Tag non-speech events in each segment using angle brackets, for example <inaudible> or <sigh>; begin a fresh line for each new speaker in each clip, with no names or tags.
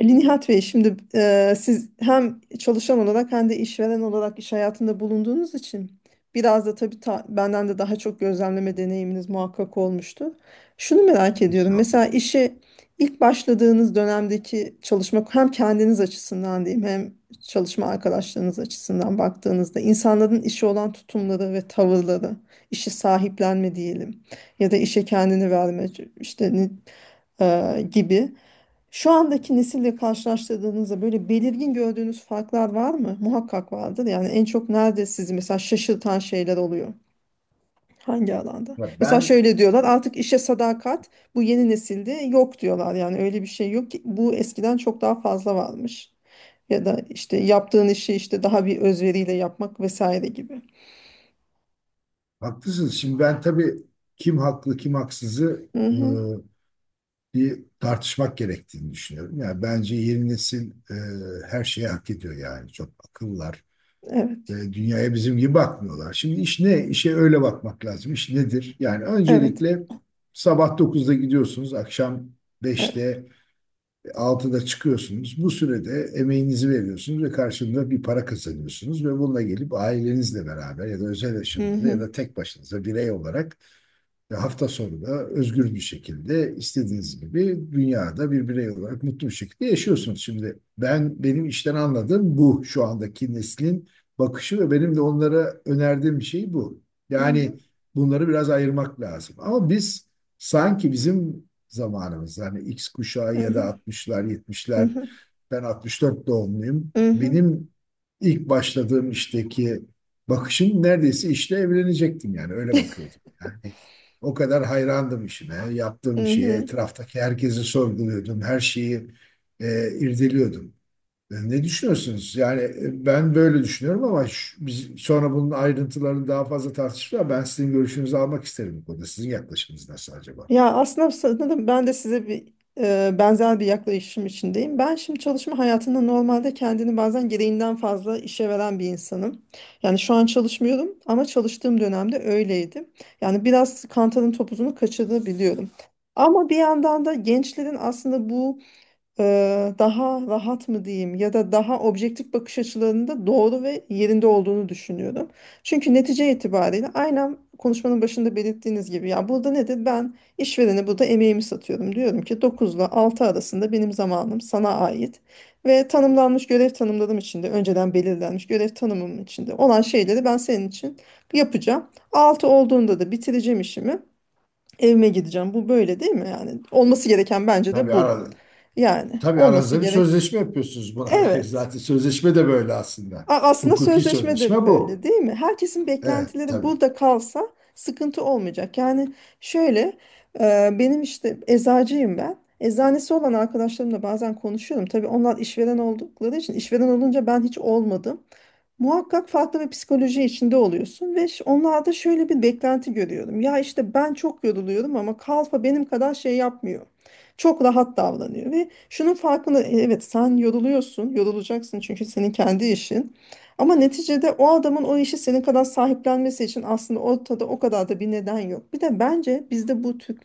Ali Nihat Bey, şimdi siz hem çalışan olarak hem de işveren olarak iş hayatında bulunduğunuz için biraz da tabii benden de daha çok gözlemleme deneyiminiz muhakkak olmuştu. Şunu merak ediyorum. Mesela
Estağfurullah.
işe ilk başladığınız dönemdeki çalışma hem kendiniz açısından diyeyim hem çalışma arkadaşlarınız açısından baktığınızda insanların işe olan tutumları ve tavırları, işi sahiplenme diyelim ya da işe kendini verme işte gibi. Şu andaki nesille karşılaştırdığınızda böyle belirgin gördüğünüz farklar var mı? Muhakkak vardır. Yani en çok nerede sizi mesela şaşırtan şeyler oluyor? Hangi alanda?
Ya
Mesela
ben
şöyle diyorlar, artık işe sadakat bu yeni nesilde yok diyorlar. Yani öyle bir şey yok ki, bu eskiden çok daha fazla varmış. Ya da işte yaptığın işi işte daha bir özveriyle yapmak vesaire gibi.
Haklısınız. Şimdi ben tabii kim haklı kim haksızı
Hı hı.
bir tartışmak gerektiğini düşünüyorum. Yani bence yeni nesil her şeyi hak ediyor yani. Çok akıllılar
Evet.
ve dünyaya bizim gibi bakmıyorlar. Şimdi iş ne? İşe öyle bakmak lazım. İş nedir? Yani
Evet.
öncelikle sabah dokuzda gidiyorsunuz, akşam
Evet.
beşte, altıda çıkıyorsunuz. Bu sürede emeğinizi veriyorsunuz ve karşılığında bir para kazanıyorsunuz ve bununla gelip ailenizle beraber ya da özel
Hı
yaşamınızda ya
hı.
da tek başınıza birey olarak ve hafta sonu da özgür bir şekilde istediğiniz gibi dünyada bir birey olarak mutlu bir şekilde yaşıyorsunuz. Şimdi ben benim işten anladığım bu şu andaki neslin bakışı ve benim de onlara önerdiğim şey bu.
Hı hı.
Yani bunları biraz ayırmak lazım. Ama biz sanki bizim zamanımız yani X kuşağı
Hı
ya da
hı.
60'lar
Hı
70'ler,
hı.
ben 64 doğumluyum.
Hı hı.
Benim ilk başladığım işteki bakışım neredeyse işle evlenecektim yani öyle bakıyordum. Yani o kadar hayrandım işime, yaptığım
Hı
şeye,
hı.
etraftaki herkesi sorguluyordum, her şeyi irdeliyordum. Ne düşünüyorsunuz? Yani ben böyle düşünüyorum ama biz sonra bunun ayrıntılarını daha fazla tartışırız. Ben sizin görüşünüzü almak isterim bu konuda. Sizin yaklaşımınız nasıl acaba?
Ya aslında sanırım ben de size bir benzer bir yaklaşım içindeyim. Ben şimdi çalışma hayatında normalde kendini bazen gereğinden fazla işe veren bir insanım. Yani şu an çalışmıyorum ama çalıştığım dönemde öyleydim. Yani biraz kantarın topuzunu kaçırabiliyorum. Ama bir yandan da gençlerin aslında bu daha rahat mı diyeyim ya da daha objektif bakış açılarında doğru ve yerinde olduğunu düşünüyorum. Çünkü netice itibariyle aynen konuşmanın başında belirttiğiniz gibi, ya burada nedir? Ben işverene burada emeğimi satıyorum. Diyorum ki 9 ile 6 arasında benim zamanım sana ait ve tanımlanmış görev tanımlarım içinde, önceden belirlenmiş görev tanımım içinde olan şeyleri ben senin için yapacağım. 6 olduğunda da bitireceğim işimi. Evime gideceğim. Bu böyle değil mi? Yani olması gereken bence de
Tabii
bu.
ara,
Yani
Tabii
olması
aranızda bir
gerek.
sözleşme yapıyorsunuz buna <laughs> dair
Evet.
zaten. Sözleşme de böyle aslında.
Aslında
Hukuki
sözleşme de
sözleşme
böyle
bu.
değil mi? Herkesin
Evet,
beklentileri
tabii.
burada kalsa sıkıntı olmayacak. Yani şöyle, benim işte, eczacıyım ben. Eczanesi olan arkadaşlarımla bazen konuşuyorum. Tabii onlar işveren oldukları için, işveren olunca ben hiç olmadım. Muhakkak farklı bir psikoloji içinde oluyorsun ve onlarda şöyle bir beklenti görüyorum. Ya işte ben çok yoruluyorum ama kalfa benim kadar şey yapmıyor. Çok rahat davranıyor. Ve şunun farkında, evet sen yoruluyorsun, yorulacaksın çünkü senin kendi işin. Ama neticede o adamın o işi senin kadar sahiplenmesi için aslında ortada o kadar da bir neden yok. Bir de bence bizde bu Türk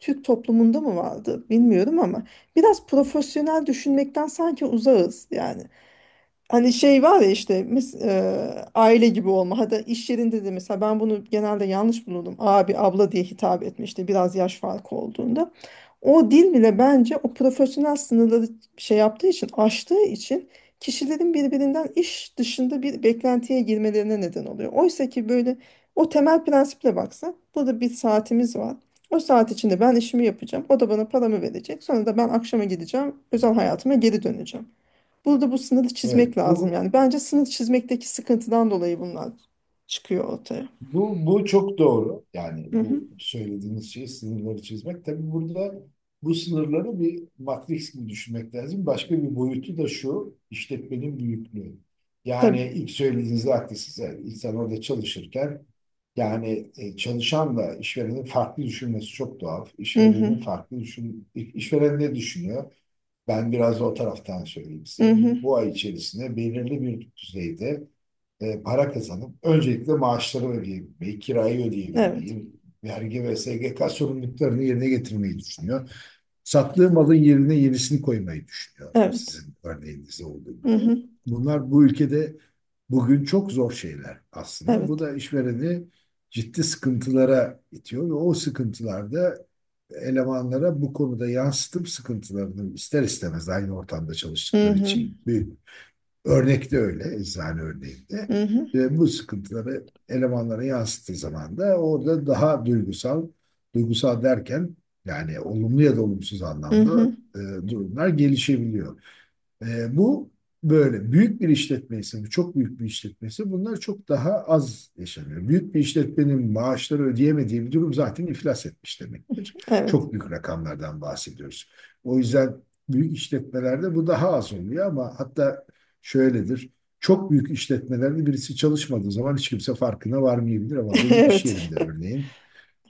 Türk toplumunda mı vardı bilmiyorum ama biraz profesyonel düşünmekten sanki uzağız yani. Hani şey var ya, işte aile gibi olma. Hatta iş yerinde de mesela ben bunu genelde yanlış bulurdum. Abi, abla diye hitap etme işte, biraz yaş farkı olduğunda. O dil bile bence o profesyonel sınırları şey yaptığı için, aştığı için, kişilerin birbirinden iş dışında bir beklentiye girmelerine neden oluyor. Oysa ki böyle o temel prensiple baksa, burada bir saatimiz var. O saat içinde ben işimi yapacağım. O da bana paramı verecek. Sonra da ben akşama gideceğim. Özel hayatıma geri döneceğim. Burada bu sınırı çizmek
Evet,
lazım
bu
yani. Bence sınır çizmekteki sıkıntıdan dolayı bunlar çıkıyor ortaya.
bu çok doğru. Yani
Hı hı.
bu söylediğiniz şey sınırları çizmek. Tabii burada bu sınırları bir matris gibi düşünmek lazım. Başka bir boyutu da şu, işletmenin büyüklüğü. Yani
Tabii.
ilk söylediğinizde haklısınız. Yani İnsan orada çalışırken yani çalışanla işverenin farklı düşünmesi çok doğal.
Hı hı.
İşverenin farklı düşün, işveren ne düşünüyor? Ben biraz da o taraftan söyleyeyim
Hı
size.
hı.
Bu ay içerisinde belirli bir düzeyde para kazanıp öncelikle maaşları ödeyebilmeyi, kirayı
Evet.
ödeyebilmeyi, vergi ve SGK sorumluluklarını yerine getirmeyi düşünüyor. Sattığı malın yerine yenisini koymayı düşünüyor.
Evet.
Sizin örneğinizde olduğu
Hı
gibi.
hı.
Bunlar bu ülkede bugün çok zor şeyler aslında. Bu
Evet.
da işvereni ciddi sıkıntılara itiyor ve o sıkıntılarda elemanlara bu konuda yansıtıp sıkıntılarını ister istemez aynı ortamda
Hı
çalıştıkları
hı.
için büyük. Örnekte öyle, eczane örneğinde.
Hı hı.
Bu sıkıntıları elemanlara yansıttığı zaman da orada daha duygusal, duygusal derken yani olumlu ya da olumsuz
Hı
anlamda
hı.
e, durumlar gelişebiliyor. Bu böyle. Büyük bir işletme ise, bu çok büyük bir işletmesi bunlar çok daha az yaşanıyor. Büyük bir işletmenin maaşları ödeyemediği bir durum zaten iflas etmiş demektir.
Evet.
Çok büyük rakamlardan bahsediyoruz. O yüzden büyük işletmelerde bu daha az oluyor ama hatta şöyledir. Çok büyük işletmelerde birisi çalışmadığı zaman hiç kimse farkına varmayabilir ama
<laughs>
benim iş
Evet.
yerimde örneğin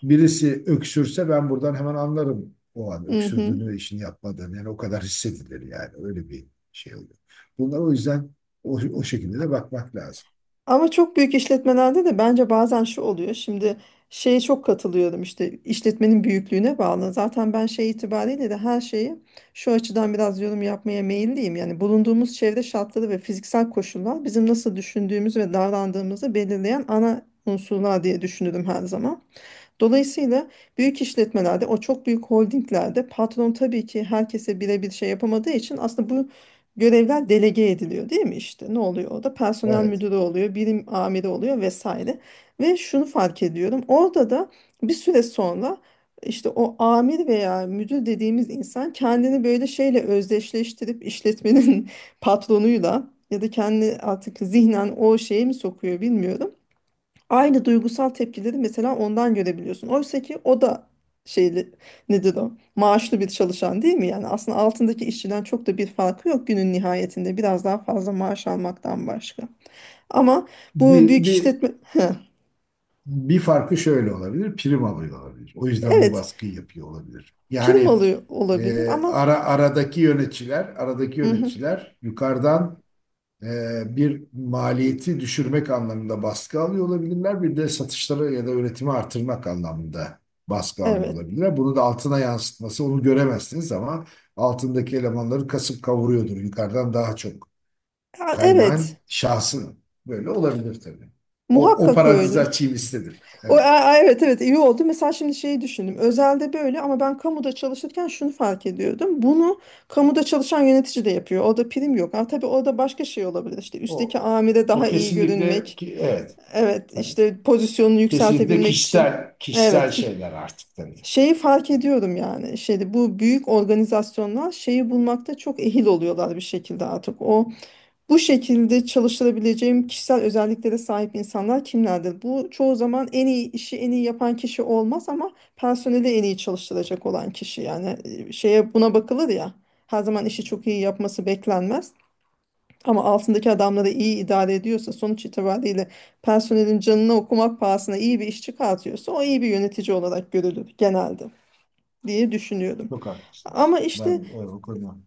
birisi öksürse ben buradan hemen anlarım o an
Hı hı.
öksürdüğünü ve işini yapmadığını. Yani o kadar hissedilir yani öyle bir şey oluyor. Bunlar o yüzden o şekilde de bakmak lazım.
Ama çok büyük işletmelerde de bence bazen şu oluyor. Şimdi şeye çok katılıyorum, işte işletmenin büyüklüğüne bağlı. Zaten ben şey itibariyle de her şeyi şu açıdan biraz yorum yapmaya meyilliyim. Yani bulunduğumuz çevre şartları ve fiziksel koşullar bizim nasıl düşündüğümüz ve davrandığımızı belirleyen ana unsurlar diye düşünürüm her zaman. Dolayısıyla büyük işletmelerde, o çok büyük holdinglerde patron tabii ki herkese birebir şey yapamadığı için aslında bu görevler delege ediliyor değil mi işte? Ne oluyor orada? Personel
Evet.
müdürü oluyor, birim amiri oluyor vesaire. Ve şunu fark ediyorum. Orada da bir süre sonra işte o amir veya müdür dediğimiz insan kendini böyle şeyle özdeşleştirip işletmenin <laughs> patronuyla ya da kendi artık zihnen o şeye mi sokuyor bilmiyorum, aynı duygusal tepkileri mesela ondan görebiliyorsun. Oysa ki o da şeyli, nedir o? Maaşlı bir çalışan değil mi? Yani aslında altındaki işçiden çok da bir farkı yok günün nihayetinde. Biraz daha fazla maaş almaktan başka. Ama bu
Bir,
büyük
bir,
işletme <laughs>
bir farkı şöyle olabilir, prim alıyor olabilir. O yüzden bu
evet,
baskıyı yapıyor olabilir.
prim
Yani
alıyor olabilir ama.
aradaki yöneticiler, aradaki
Hı hı.
yöneticiler yukarıdan, bir maliyeti düşürmek anlamında baskı alıyor olabilirler. Bir de satışları ya da üretimi artırmak anlamında baskı alıyor
Evet.
olabilirler. Bunu da altına yansıtması onu göremezsiniz ama altındaki elemanları kasıp kavuruyordur. Yukarıdan daha çok
Ya,
kaynağın
evet
şahsın böyle olabilir tabii. O
muhakkak
parantezi
öyle.
açayım istedim.
O,
Evet.
evet evet, iyi oldu. Mesela şimdi şeyi düşündüm. Özelde böyle ama ben kamuda çalışırken şunu fark ediyordum. Bunu kamuda çalışan yönetici de yapıyor. Orada prim yok. Ama tabii orada başka şey olabilir. İşte
O,
üstteki amire
o
daha iyi
kesinlikle
görünmek.
ki evet.
Evet,
Tabii.
işte pozisyonunu
Kesinlikle
yükseltebilmek için.
kişisel kişisel
Evet, ki
şeyler artık dedi.
şeyi fark ediyorum yani. Şeyde, bu büyük organizasyonlar şeyi bulmakta çok ehil oluyorlar bir şekilde artık. O bu şekilde çalıştırabileceğim kişisel özelliklere sahip insanlar kimlerdir? Bu çoğu zaman en iyi işi en iyi yapan kişi olmaz ama personeli en iyi çalıştıracak olan kişi. Yani şeye, buna bakılır ya. Her zaman işi çok iyi yapması beklenmez. Ama altındaki adamları iyi idare ediyorsa, sonuç itibariyle personelin canını okumak pahasına iyi bir iş çıkartıyorsa o iyi bir yönetici olarak görülür genelde diye düşünüyorum.
Çok haklısınız.
Ama işte
Ben o konuda.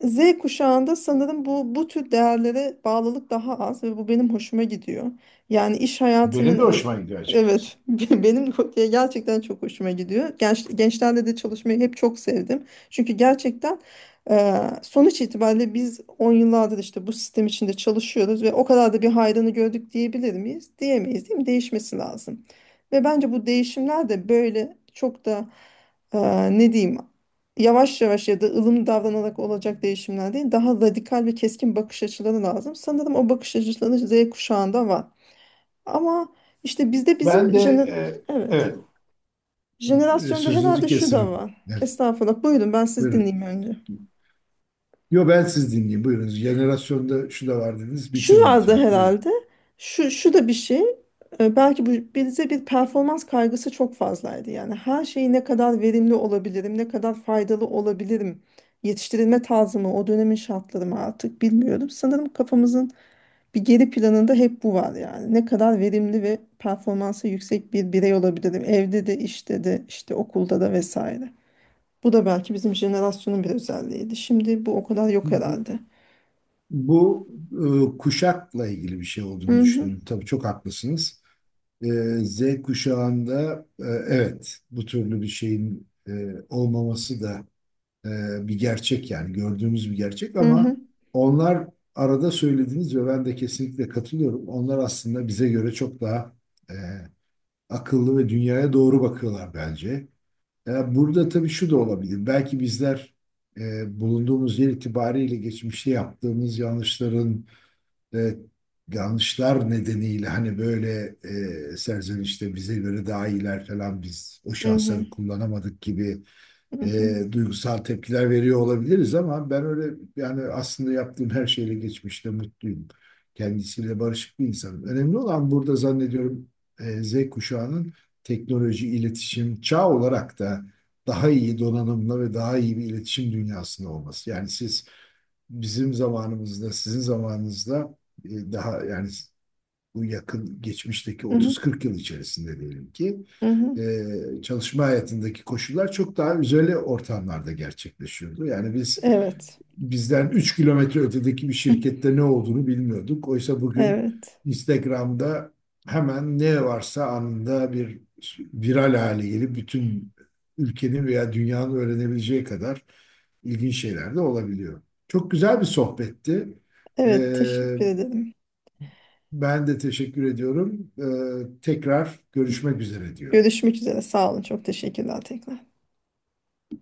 Z kuşağında sanırım bu tür değerlere bağlılık daha az ve bu benim hoşuma gidiyor. Yani iş hayatının
Benim de hoşuma gidiyor açıkçası.
evet, <laughs> benim gerçekten çok hoşuma gidiyor. Gençlerle de çalışmayı hep çok sevdim. Çünkü gerçekten e, sonuç itibariyle biz 10 yıllardır işte bu sistem içinde çalışıyoruz ve o kadar da bir hayrını gördük diyebilir miyiz? Diyemeyiz değil mi? Değişmesi lazım. Ve bence bu değişimler de böyle çok da e, ne diyeyim, yavaş yavaş ya da ılımlı davranarak olacak değişimler değil, daha radikal ve keskin bakış açıları lazım. Sanırım o bakış açıları Z kuşağında var. Ama işte bizde
Ben
bizim
de
evet,
evet
jenerasyonda
sözünüzü
herhalde şu da
kesim.
var.
Evet,
Estağfurullah. Buyurun, ben siz
buyurun.
dinleyeyim önce.
Yo ben siz dinleyeyim. Buyurun. Jenerasyonda şu da var dediniz.
Şu
Bitirin
vardı
lütfen. Buyurun.
herhalde. Şu da bir şey. Belki bu, bize bir performans kaygısı çok fazlaydı. Yani her şeyi ne kadar verimli olabilirim, ne kadar faydalı olabilirim. Yetiştirilme tarzı mı, o dönemin şartları mı artık bilmiyorum. Sanırım kafamızın bir geri planında hep bu var yani. Ne kadar verimli ve performansı yüksek bir birey olabilirim. Evde de, işte de, işte okulda da vesaire. Bu da belki bizim jenerasyonun bir özelliğiydi. Şimdi bu o kadar yok
Bu
herhalde.
bu, Kuşakla ilgili bir şey olduğunu
Hı hı,
düşünüyorum. Tabii çok haklısınız. Ee, Z kuşağında, evet, bu türlü bir şeyin olmaması da e, bir gerçek, yani gördüğümüz bir gerçek,
hı
ama
hı,
onlar arada söylediğiniz ve ben de kesinlikle katılıyorum. Onlar aslında bize göre çok daha e, akıllı ve dünyaya doğru bakıyorlar bence. Burada tabii şu da olabilir. Belki bizler bulunduğumuz yer itibariyle geçmişte yaptığımız yanlışların. Evet, yanlışlar nedeniyle hani böyle serzenişte bize göre daha iyiler falan biz o
hı hı,
şansları kullanamadık gibi
hı hı.
duygusal tepkiler veriyor olabiliriz ama ben öyle yani aslında yaptığım her şeyle geçmişte mutluyum. Kendisiyle barışık bir insanım. Önemli olan burada zannediyorum Z kuşağının teknoloji, iletişim çağ olarak da daha iyi donanımlı ve daha iyi bir iletişim dünyasında olması. Yani siz bizim zamanımızda, sizin zamanınızda daha yani bu yakın geçmişteki
Hı hı,
30-40 yıl içerisinde diyelim ki
hı hı.
çalışma hayatındaki koşullar çok daha özel ortamlarda gerçekleşiyordu. Yani biz
Evet.
bizden 3 km ötedeki bir
<laughs>
şirkette ne olduğunu bilmiyorduk. Oysa bugün
Evet.
Instagram'da hemen ne varsa anında bir viral hale gelip bütün ülkenin veya dünyanın öğrenebileceği kadar ilginç şeyler de olabiliyor. Çok güzel bir sohbetti. Ee,
Evet, teşekkür ederim.
Ben de teşekkür ediyorum. Tekrar görüşmek üzere diyorum.
Görüşmek üzere. Sağ olun. Çok teşekkürler tekrar.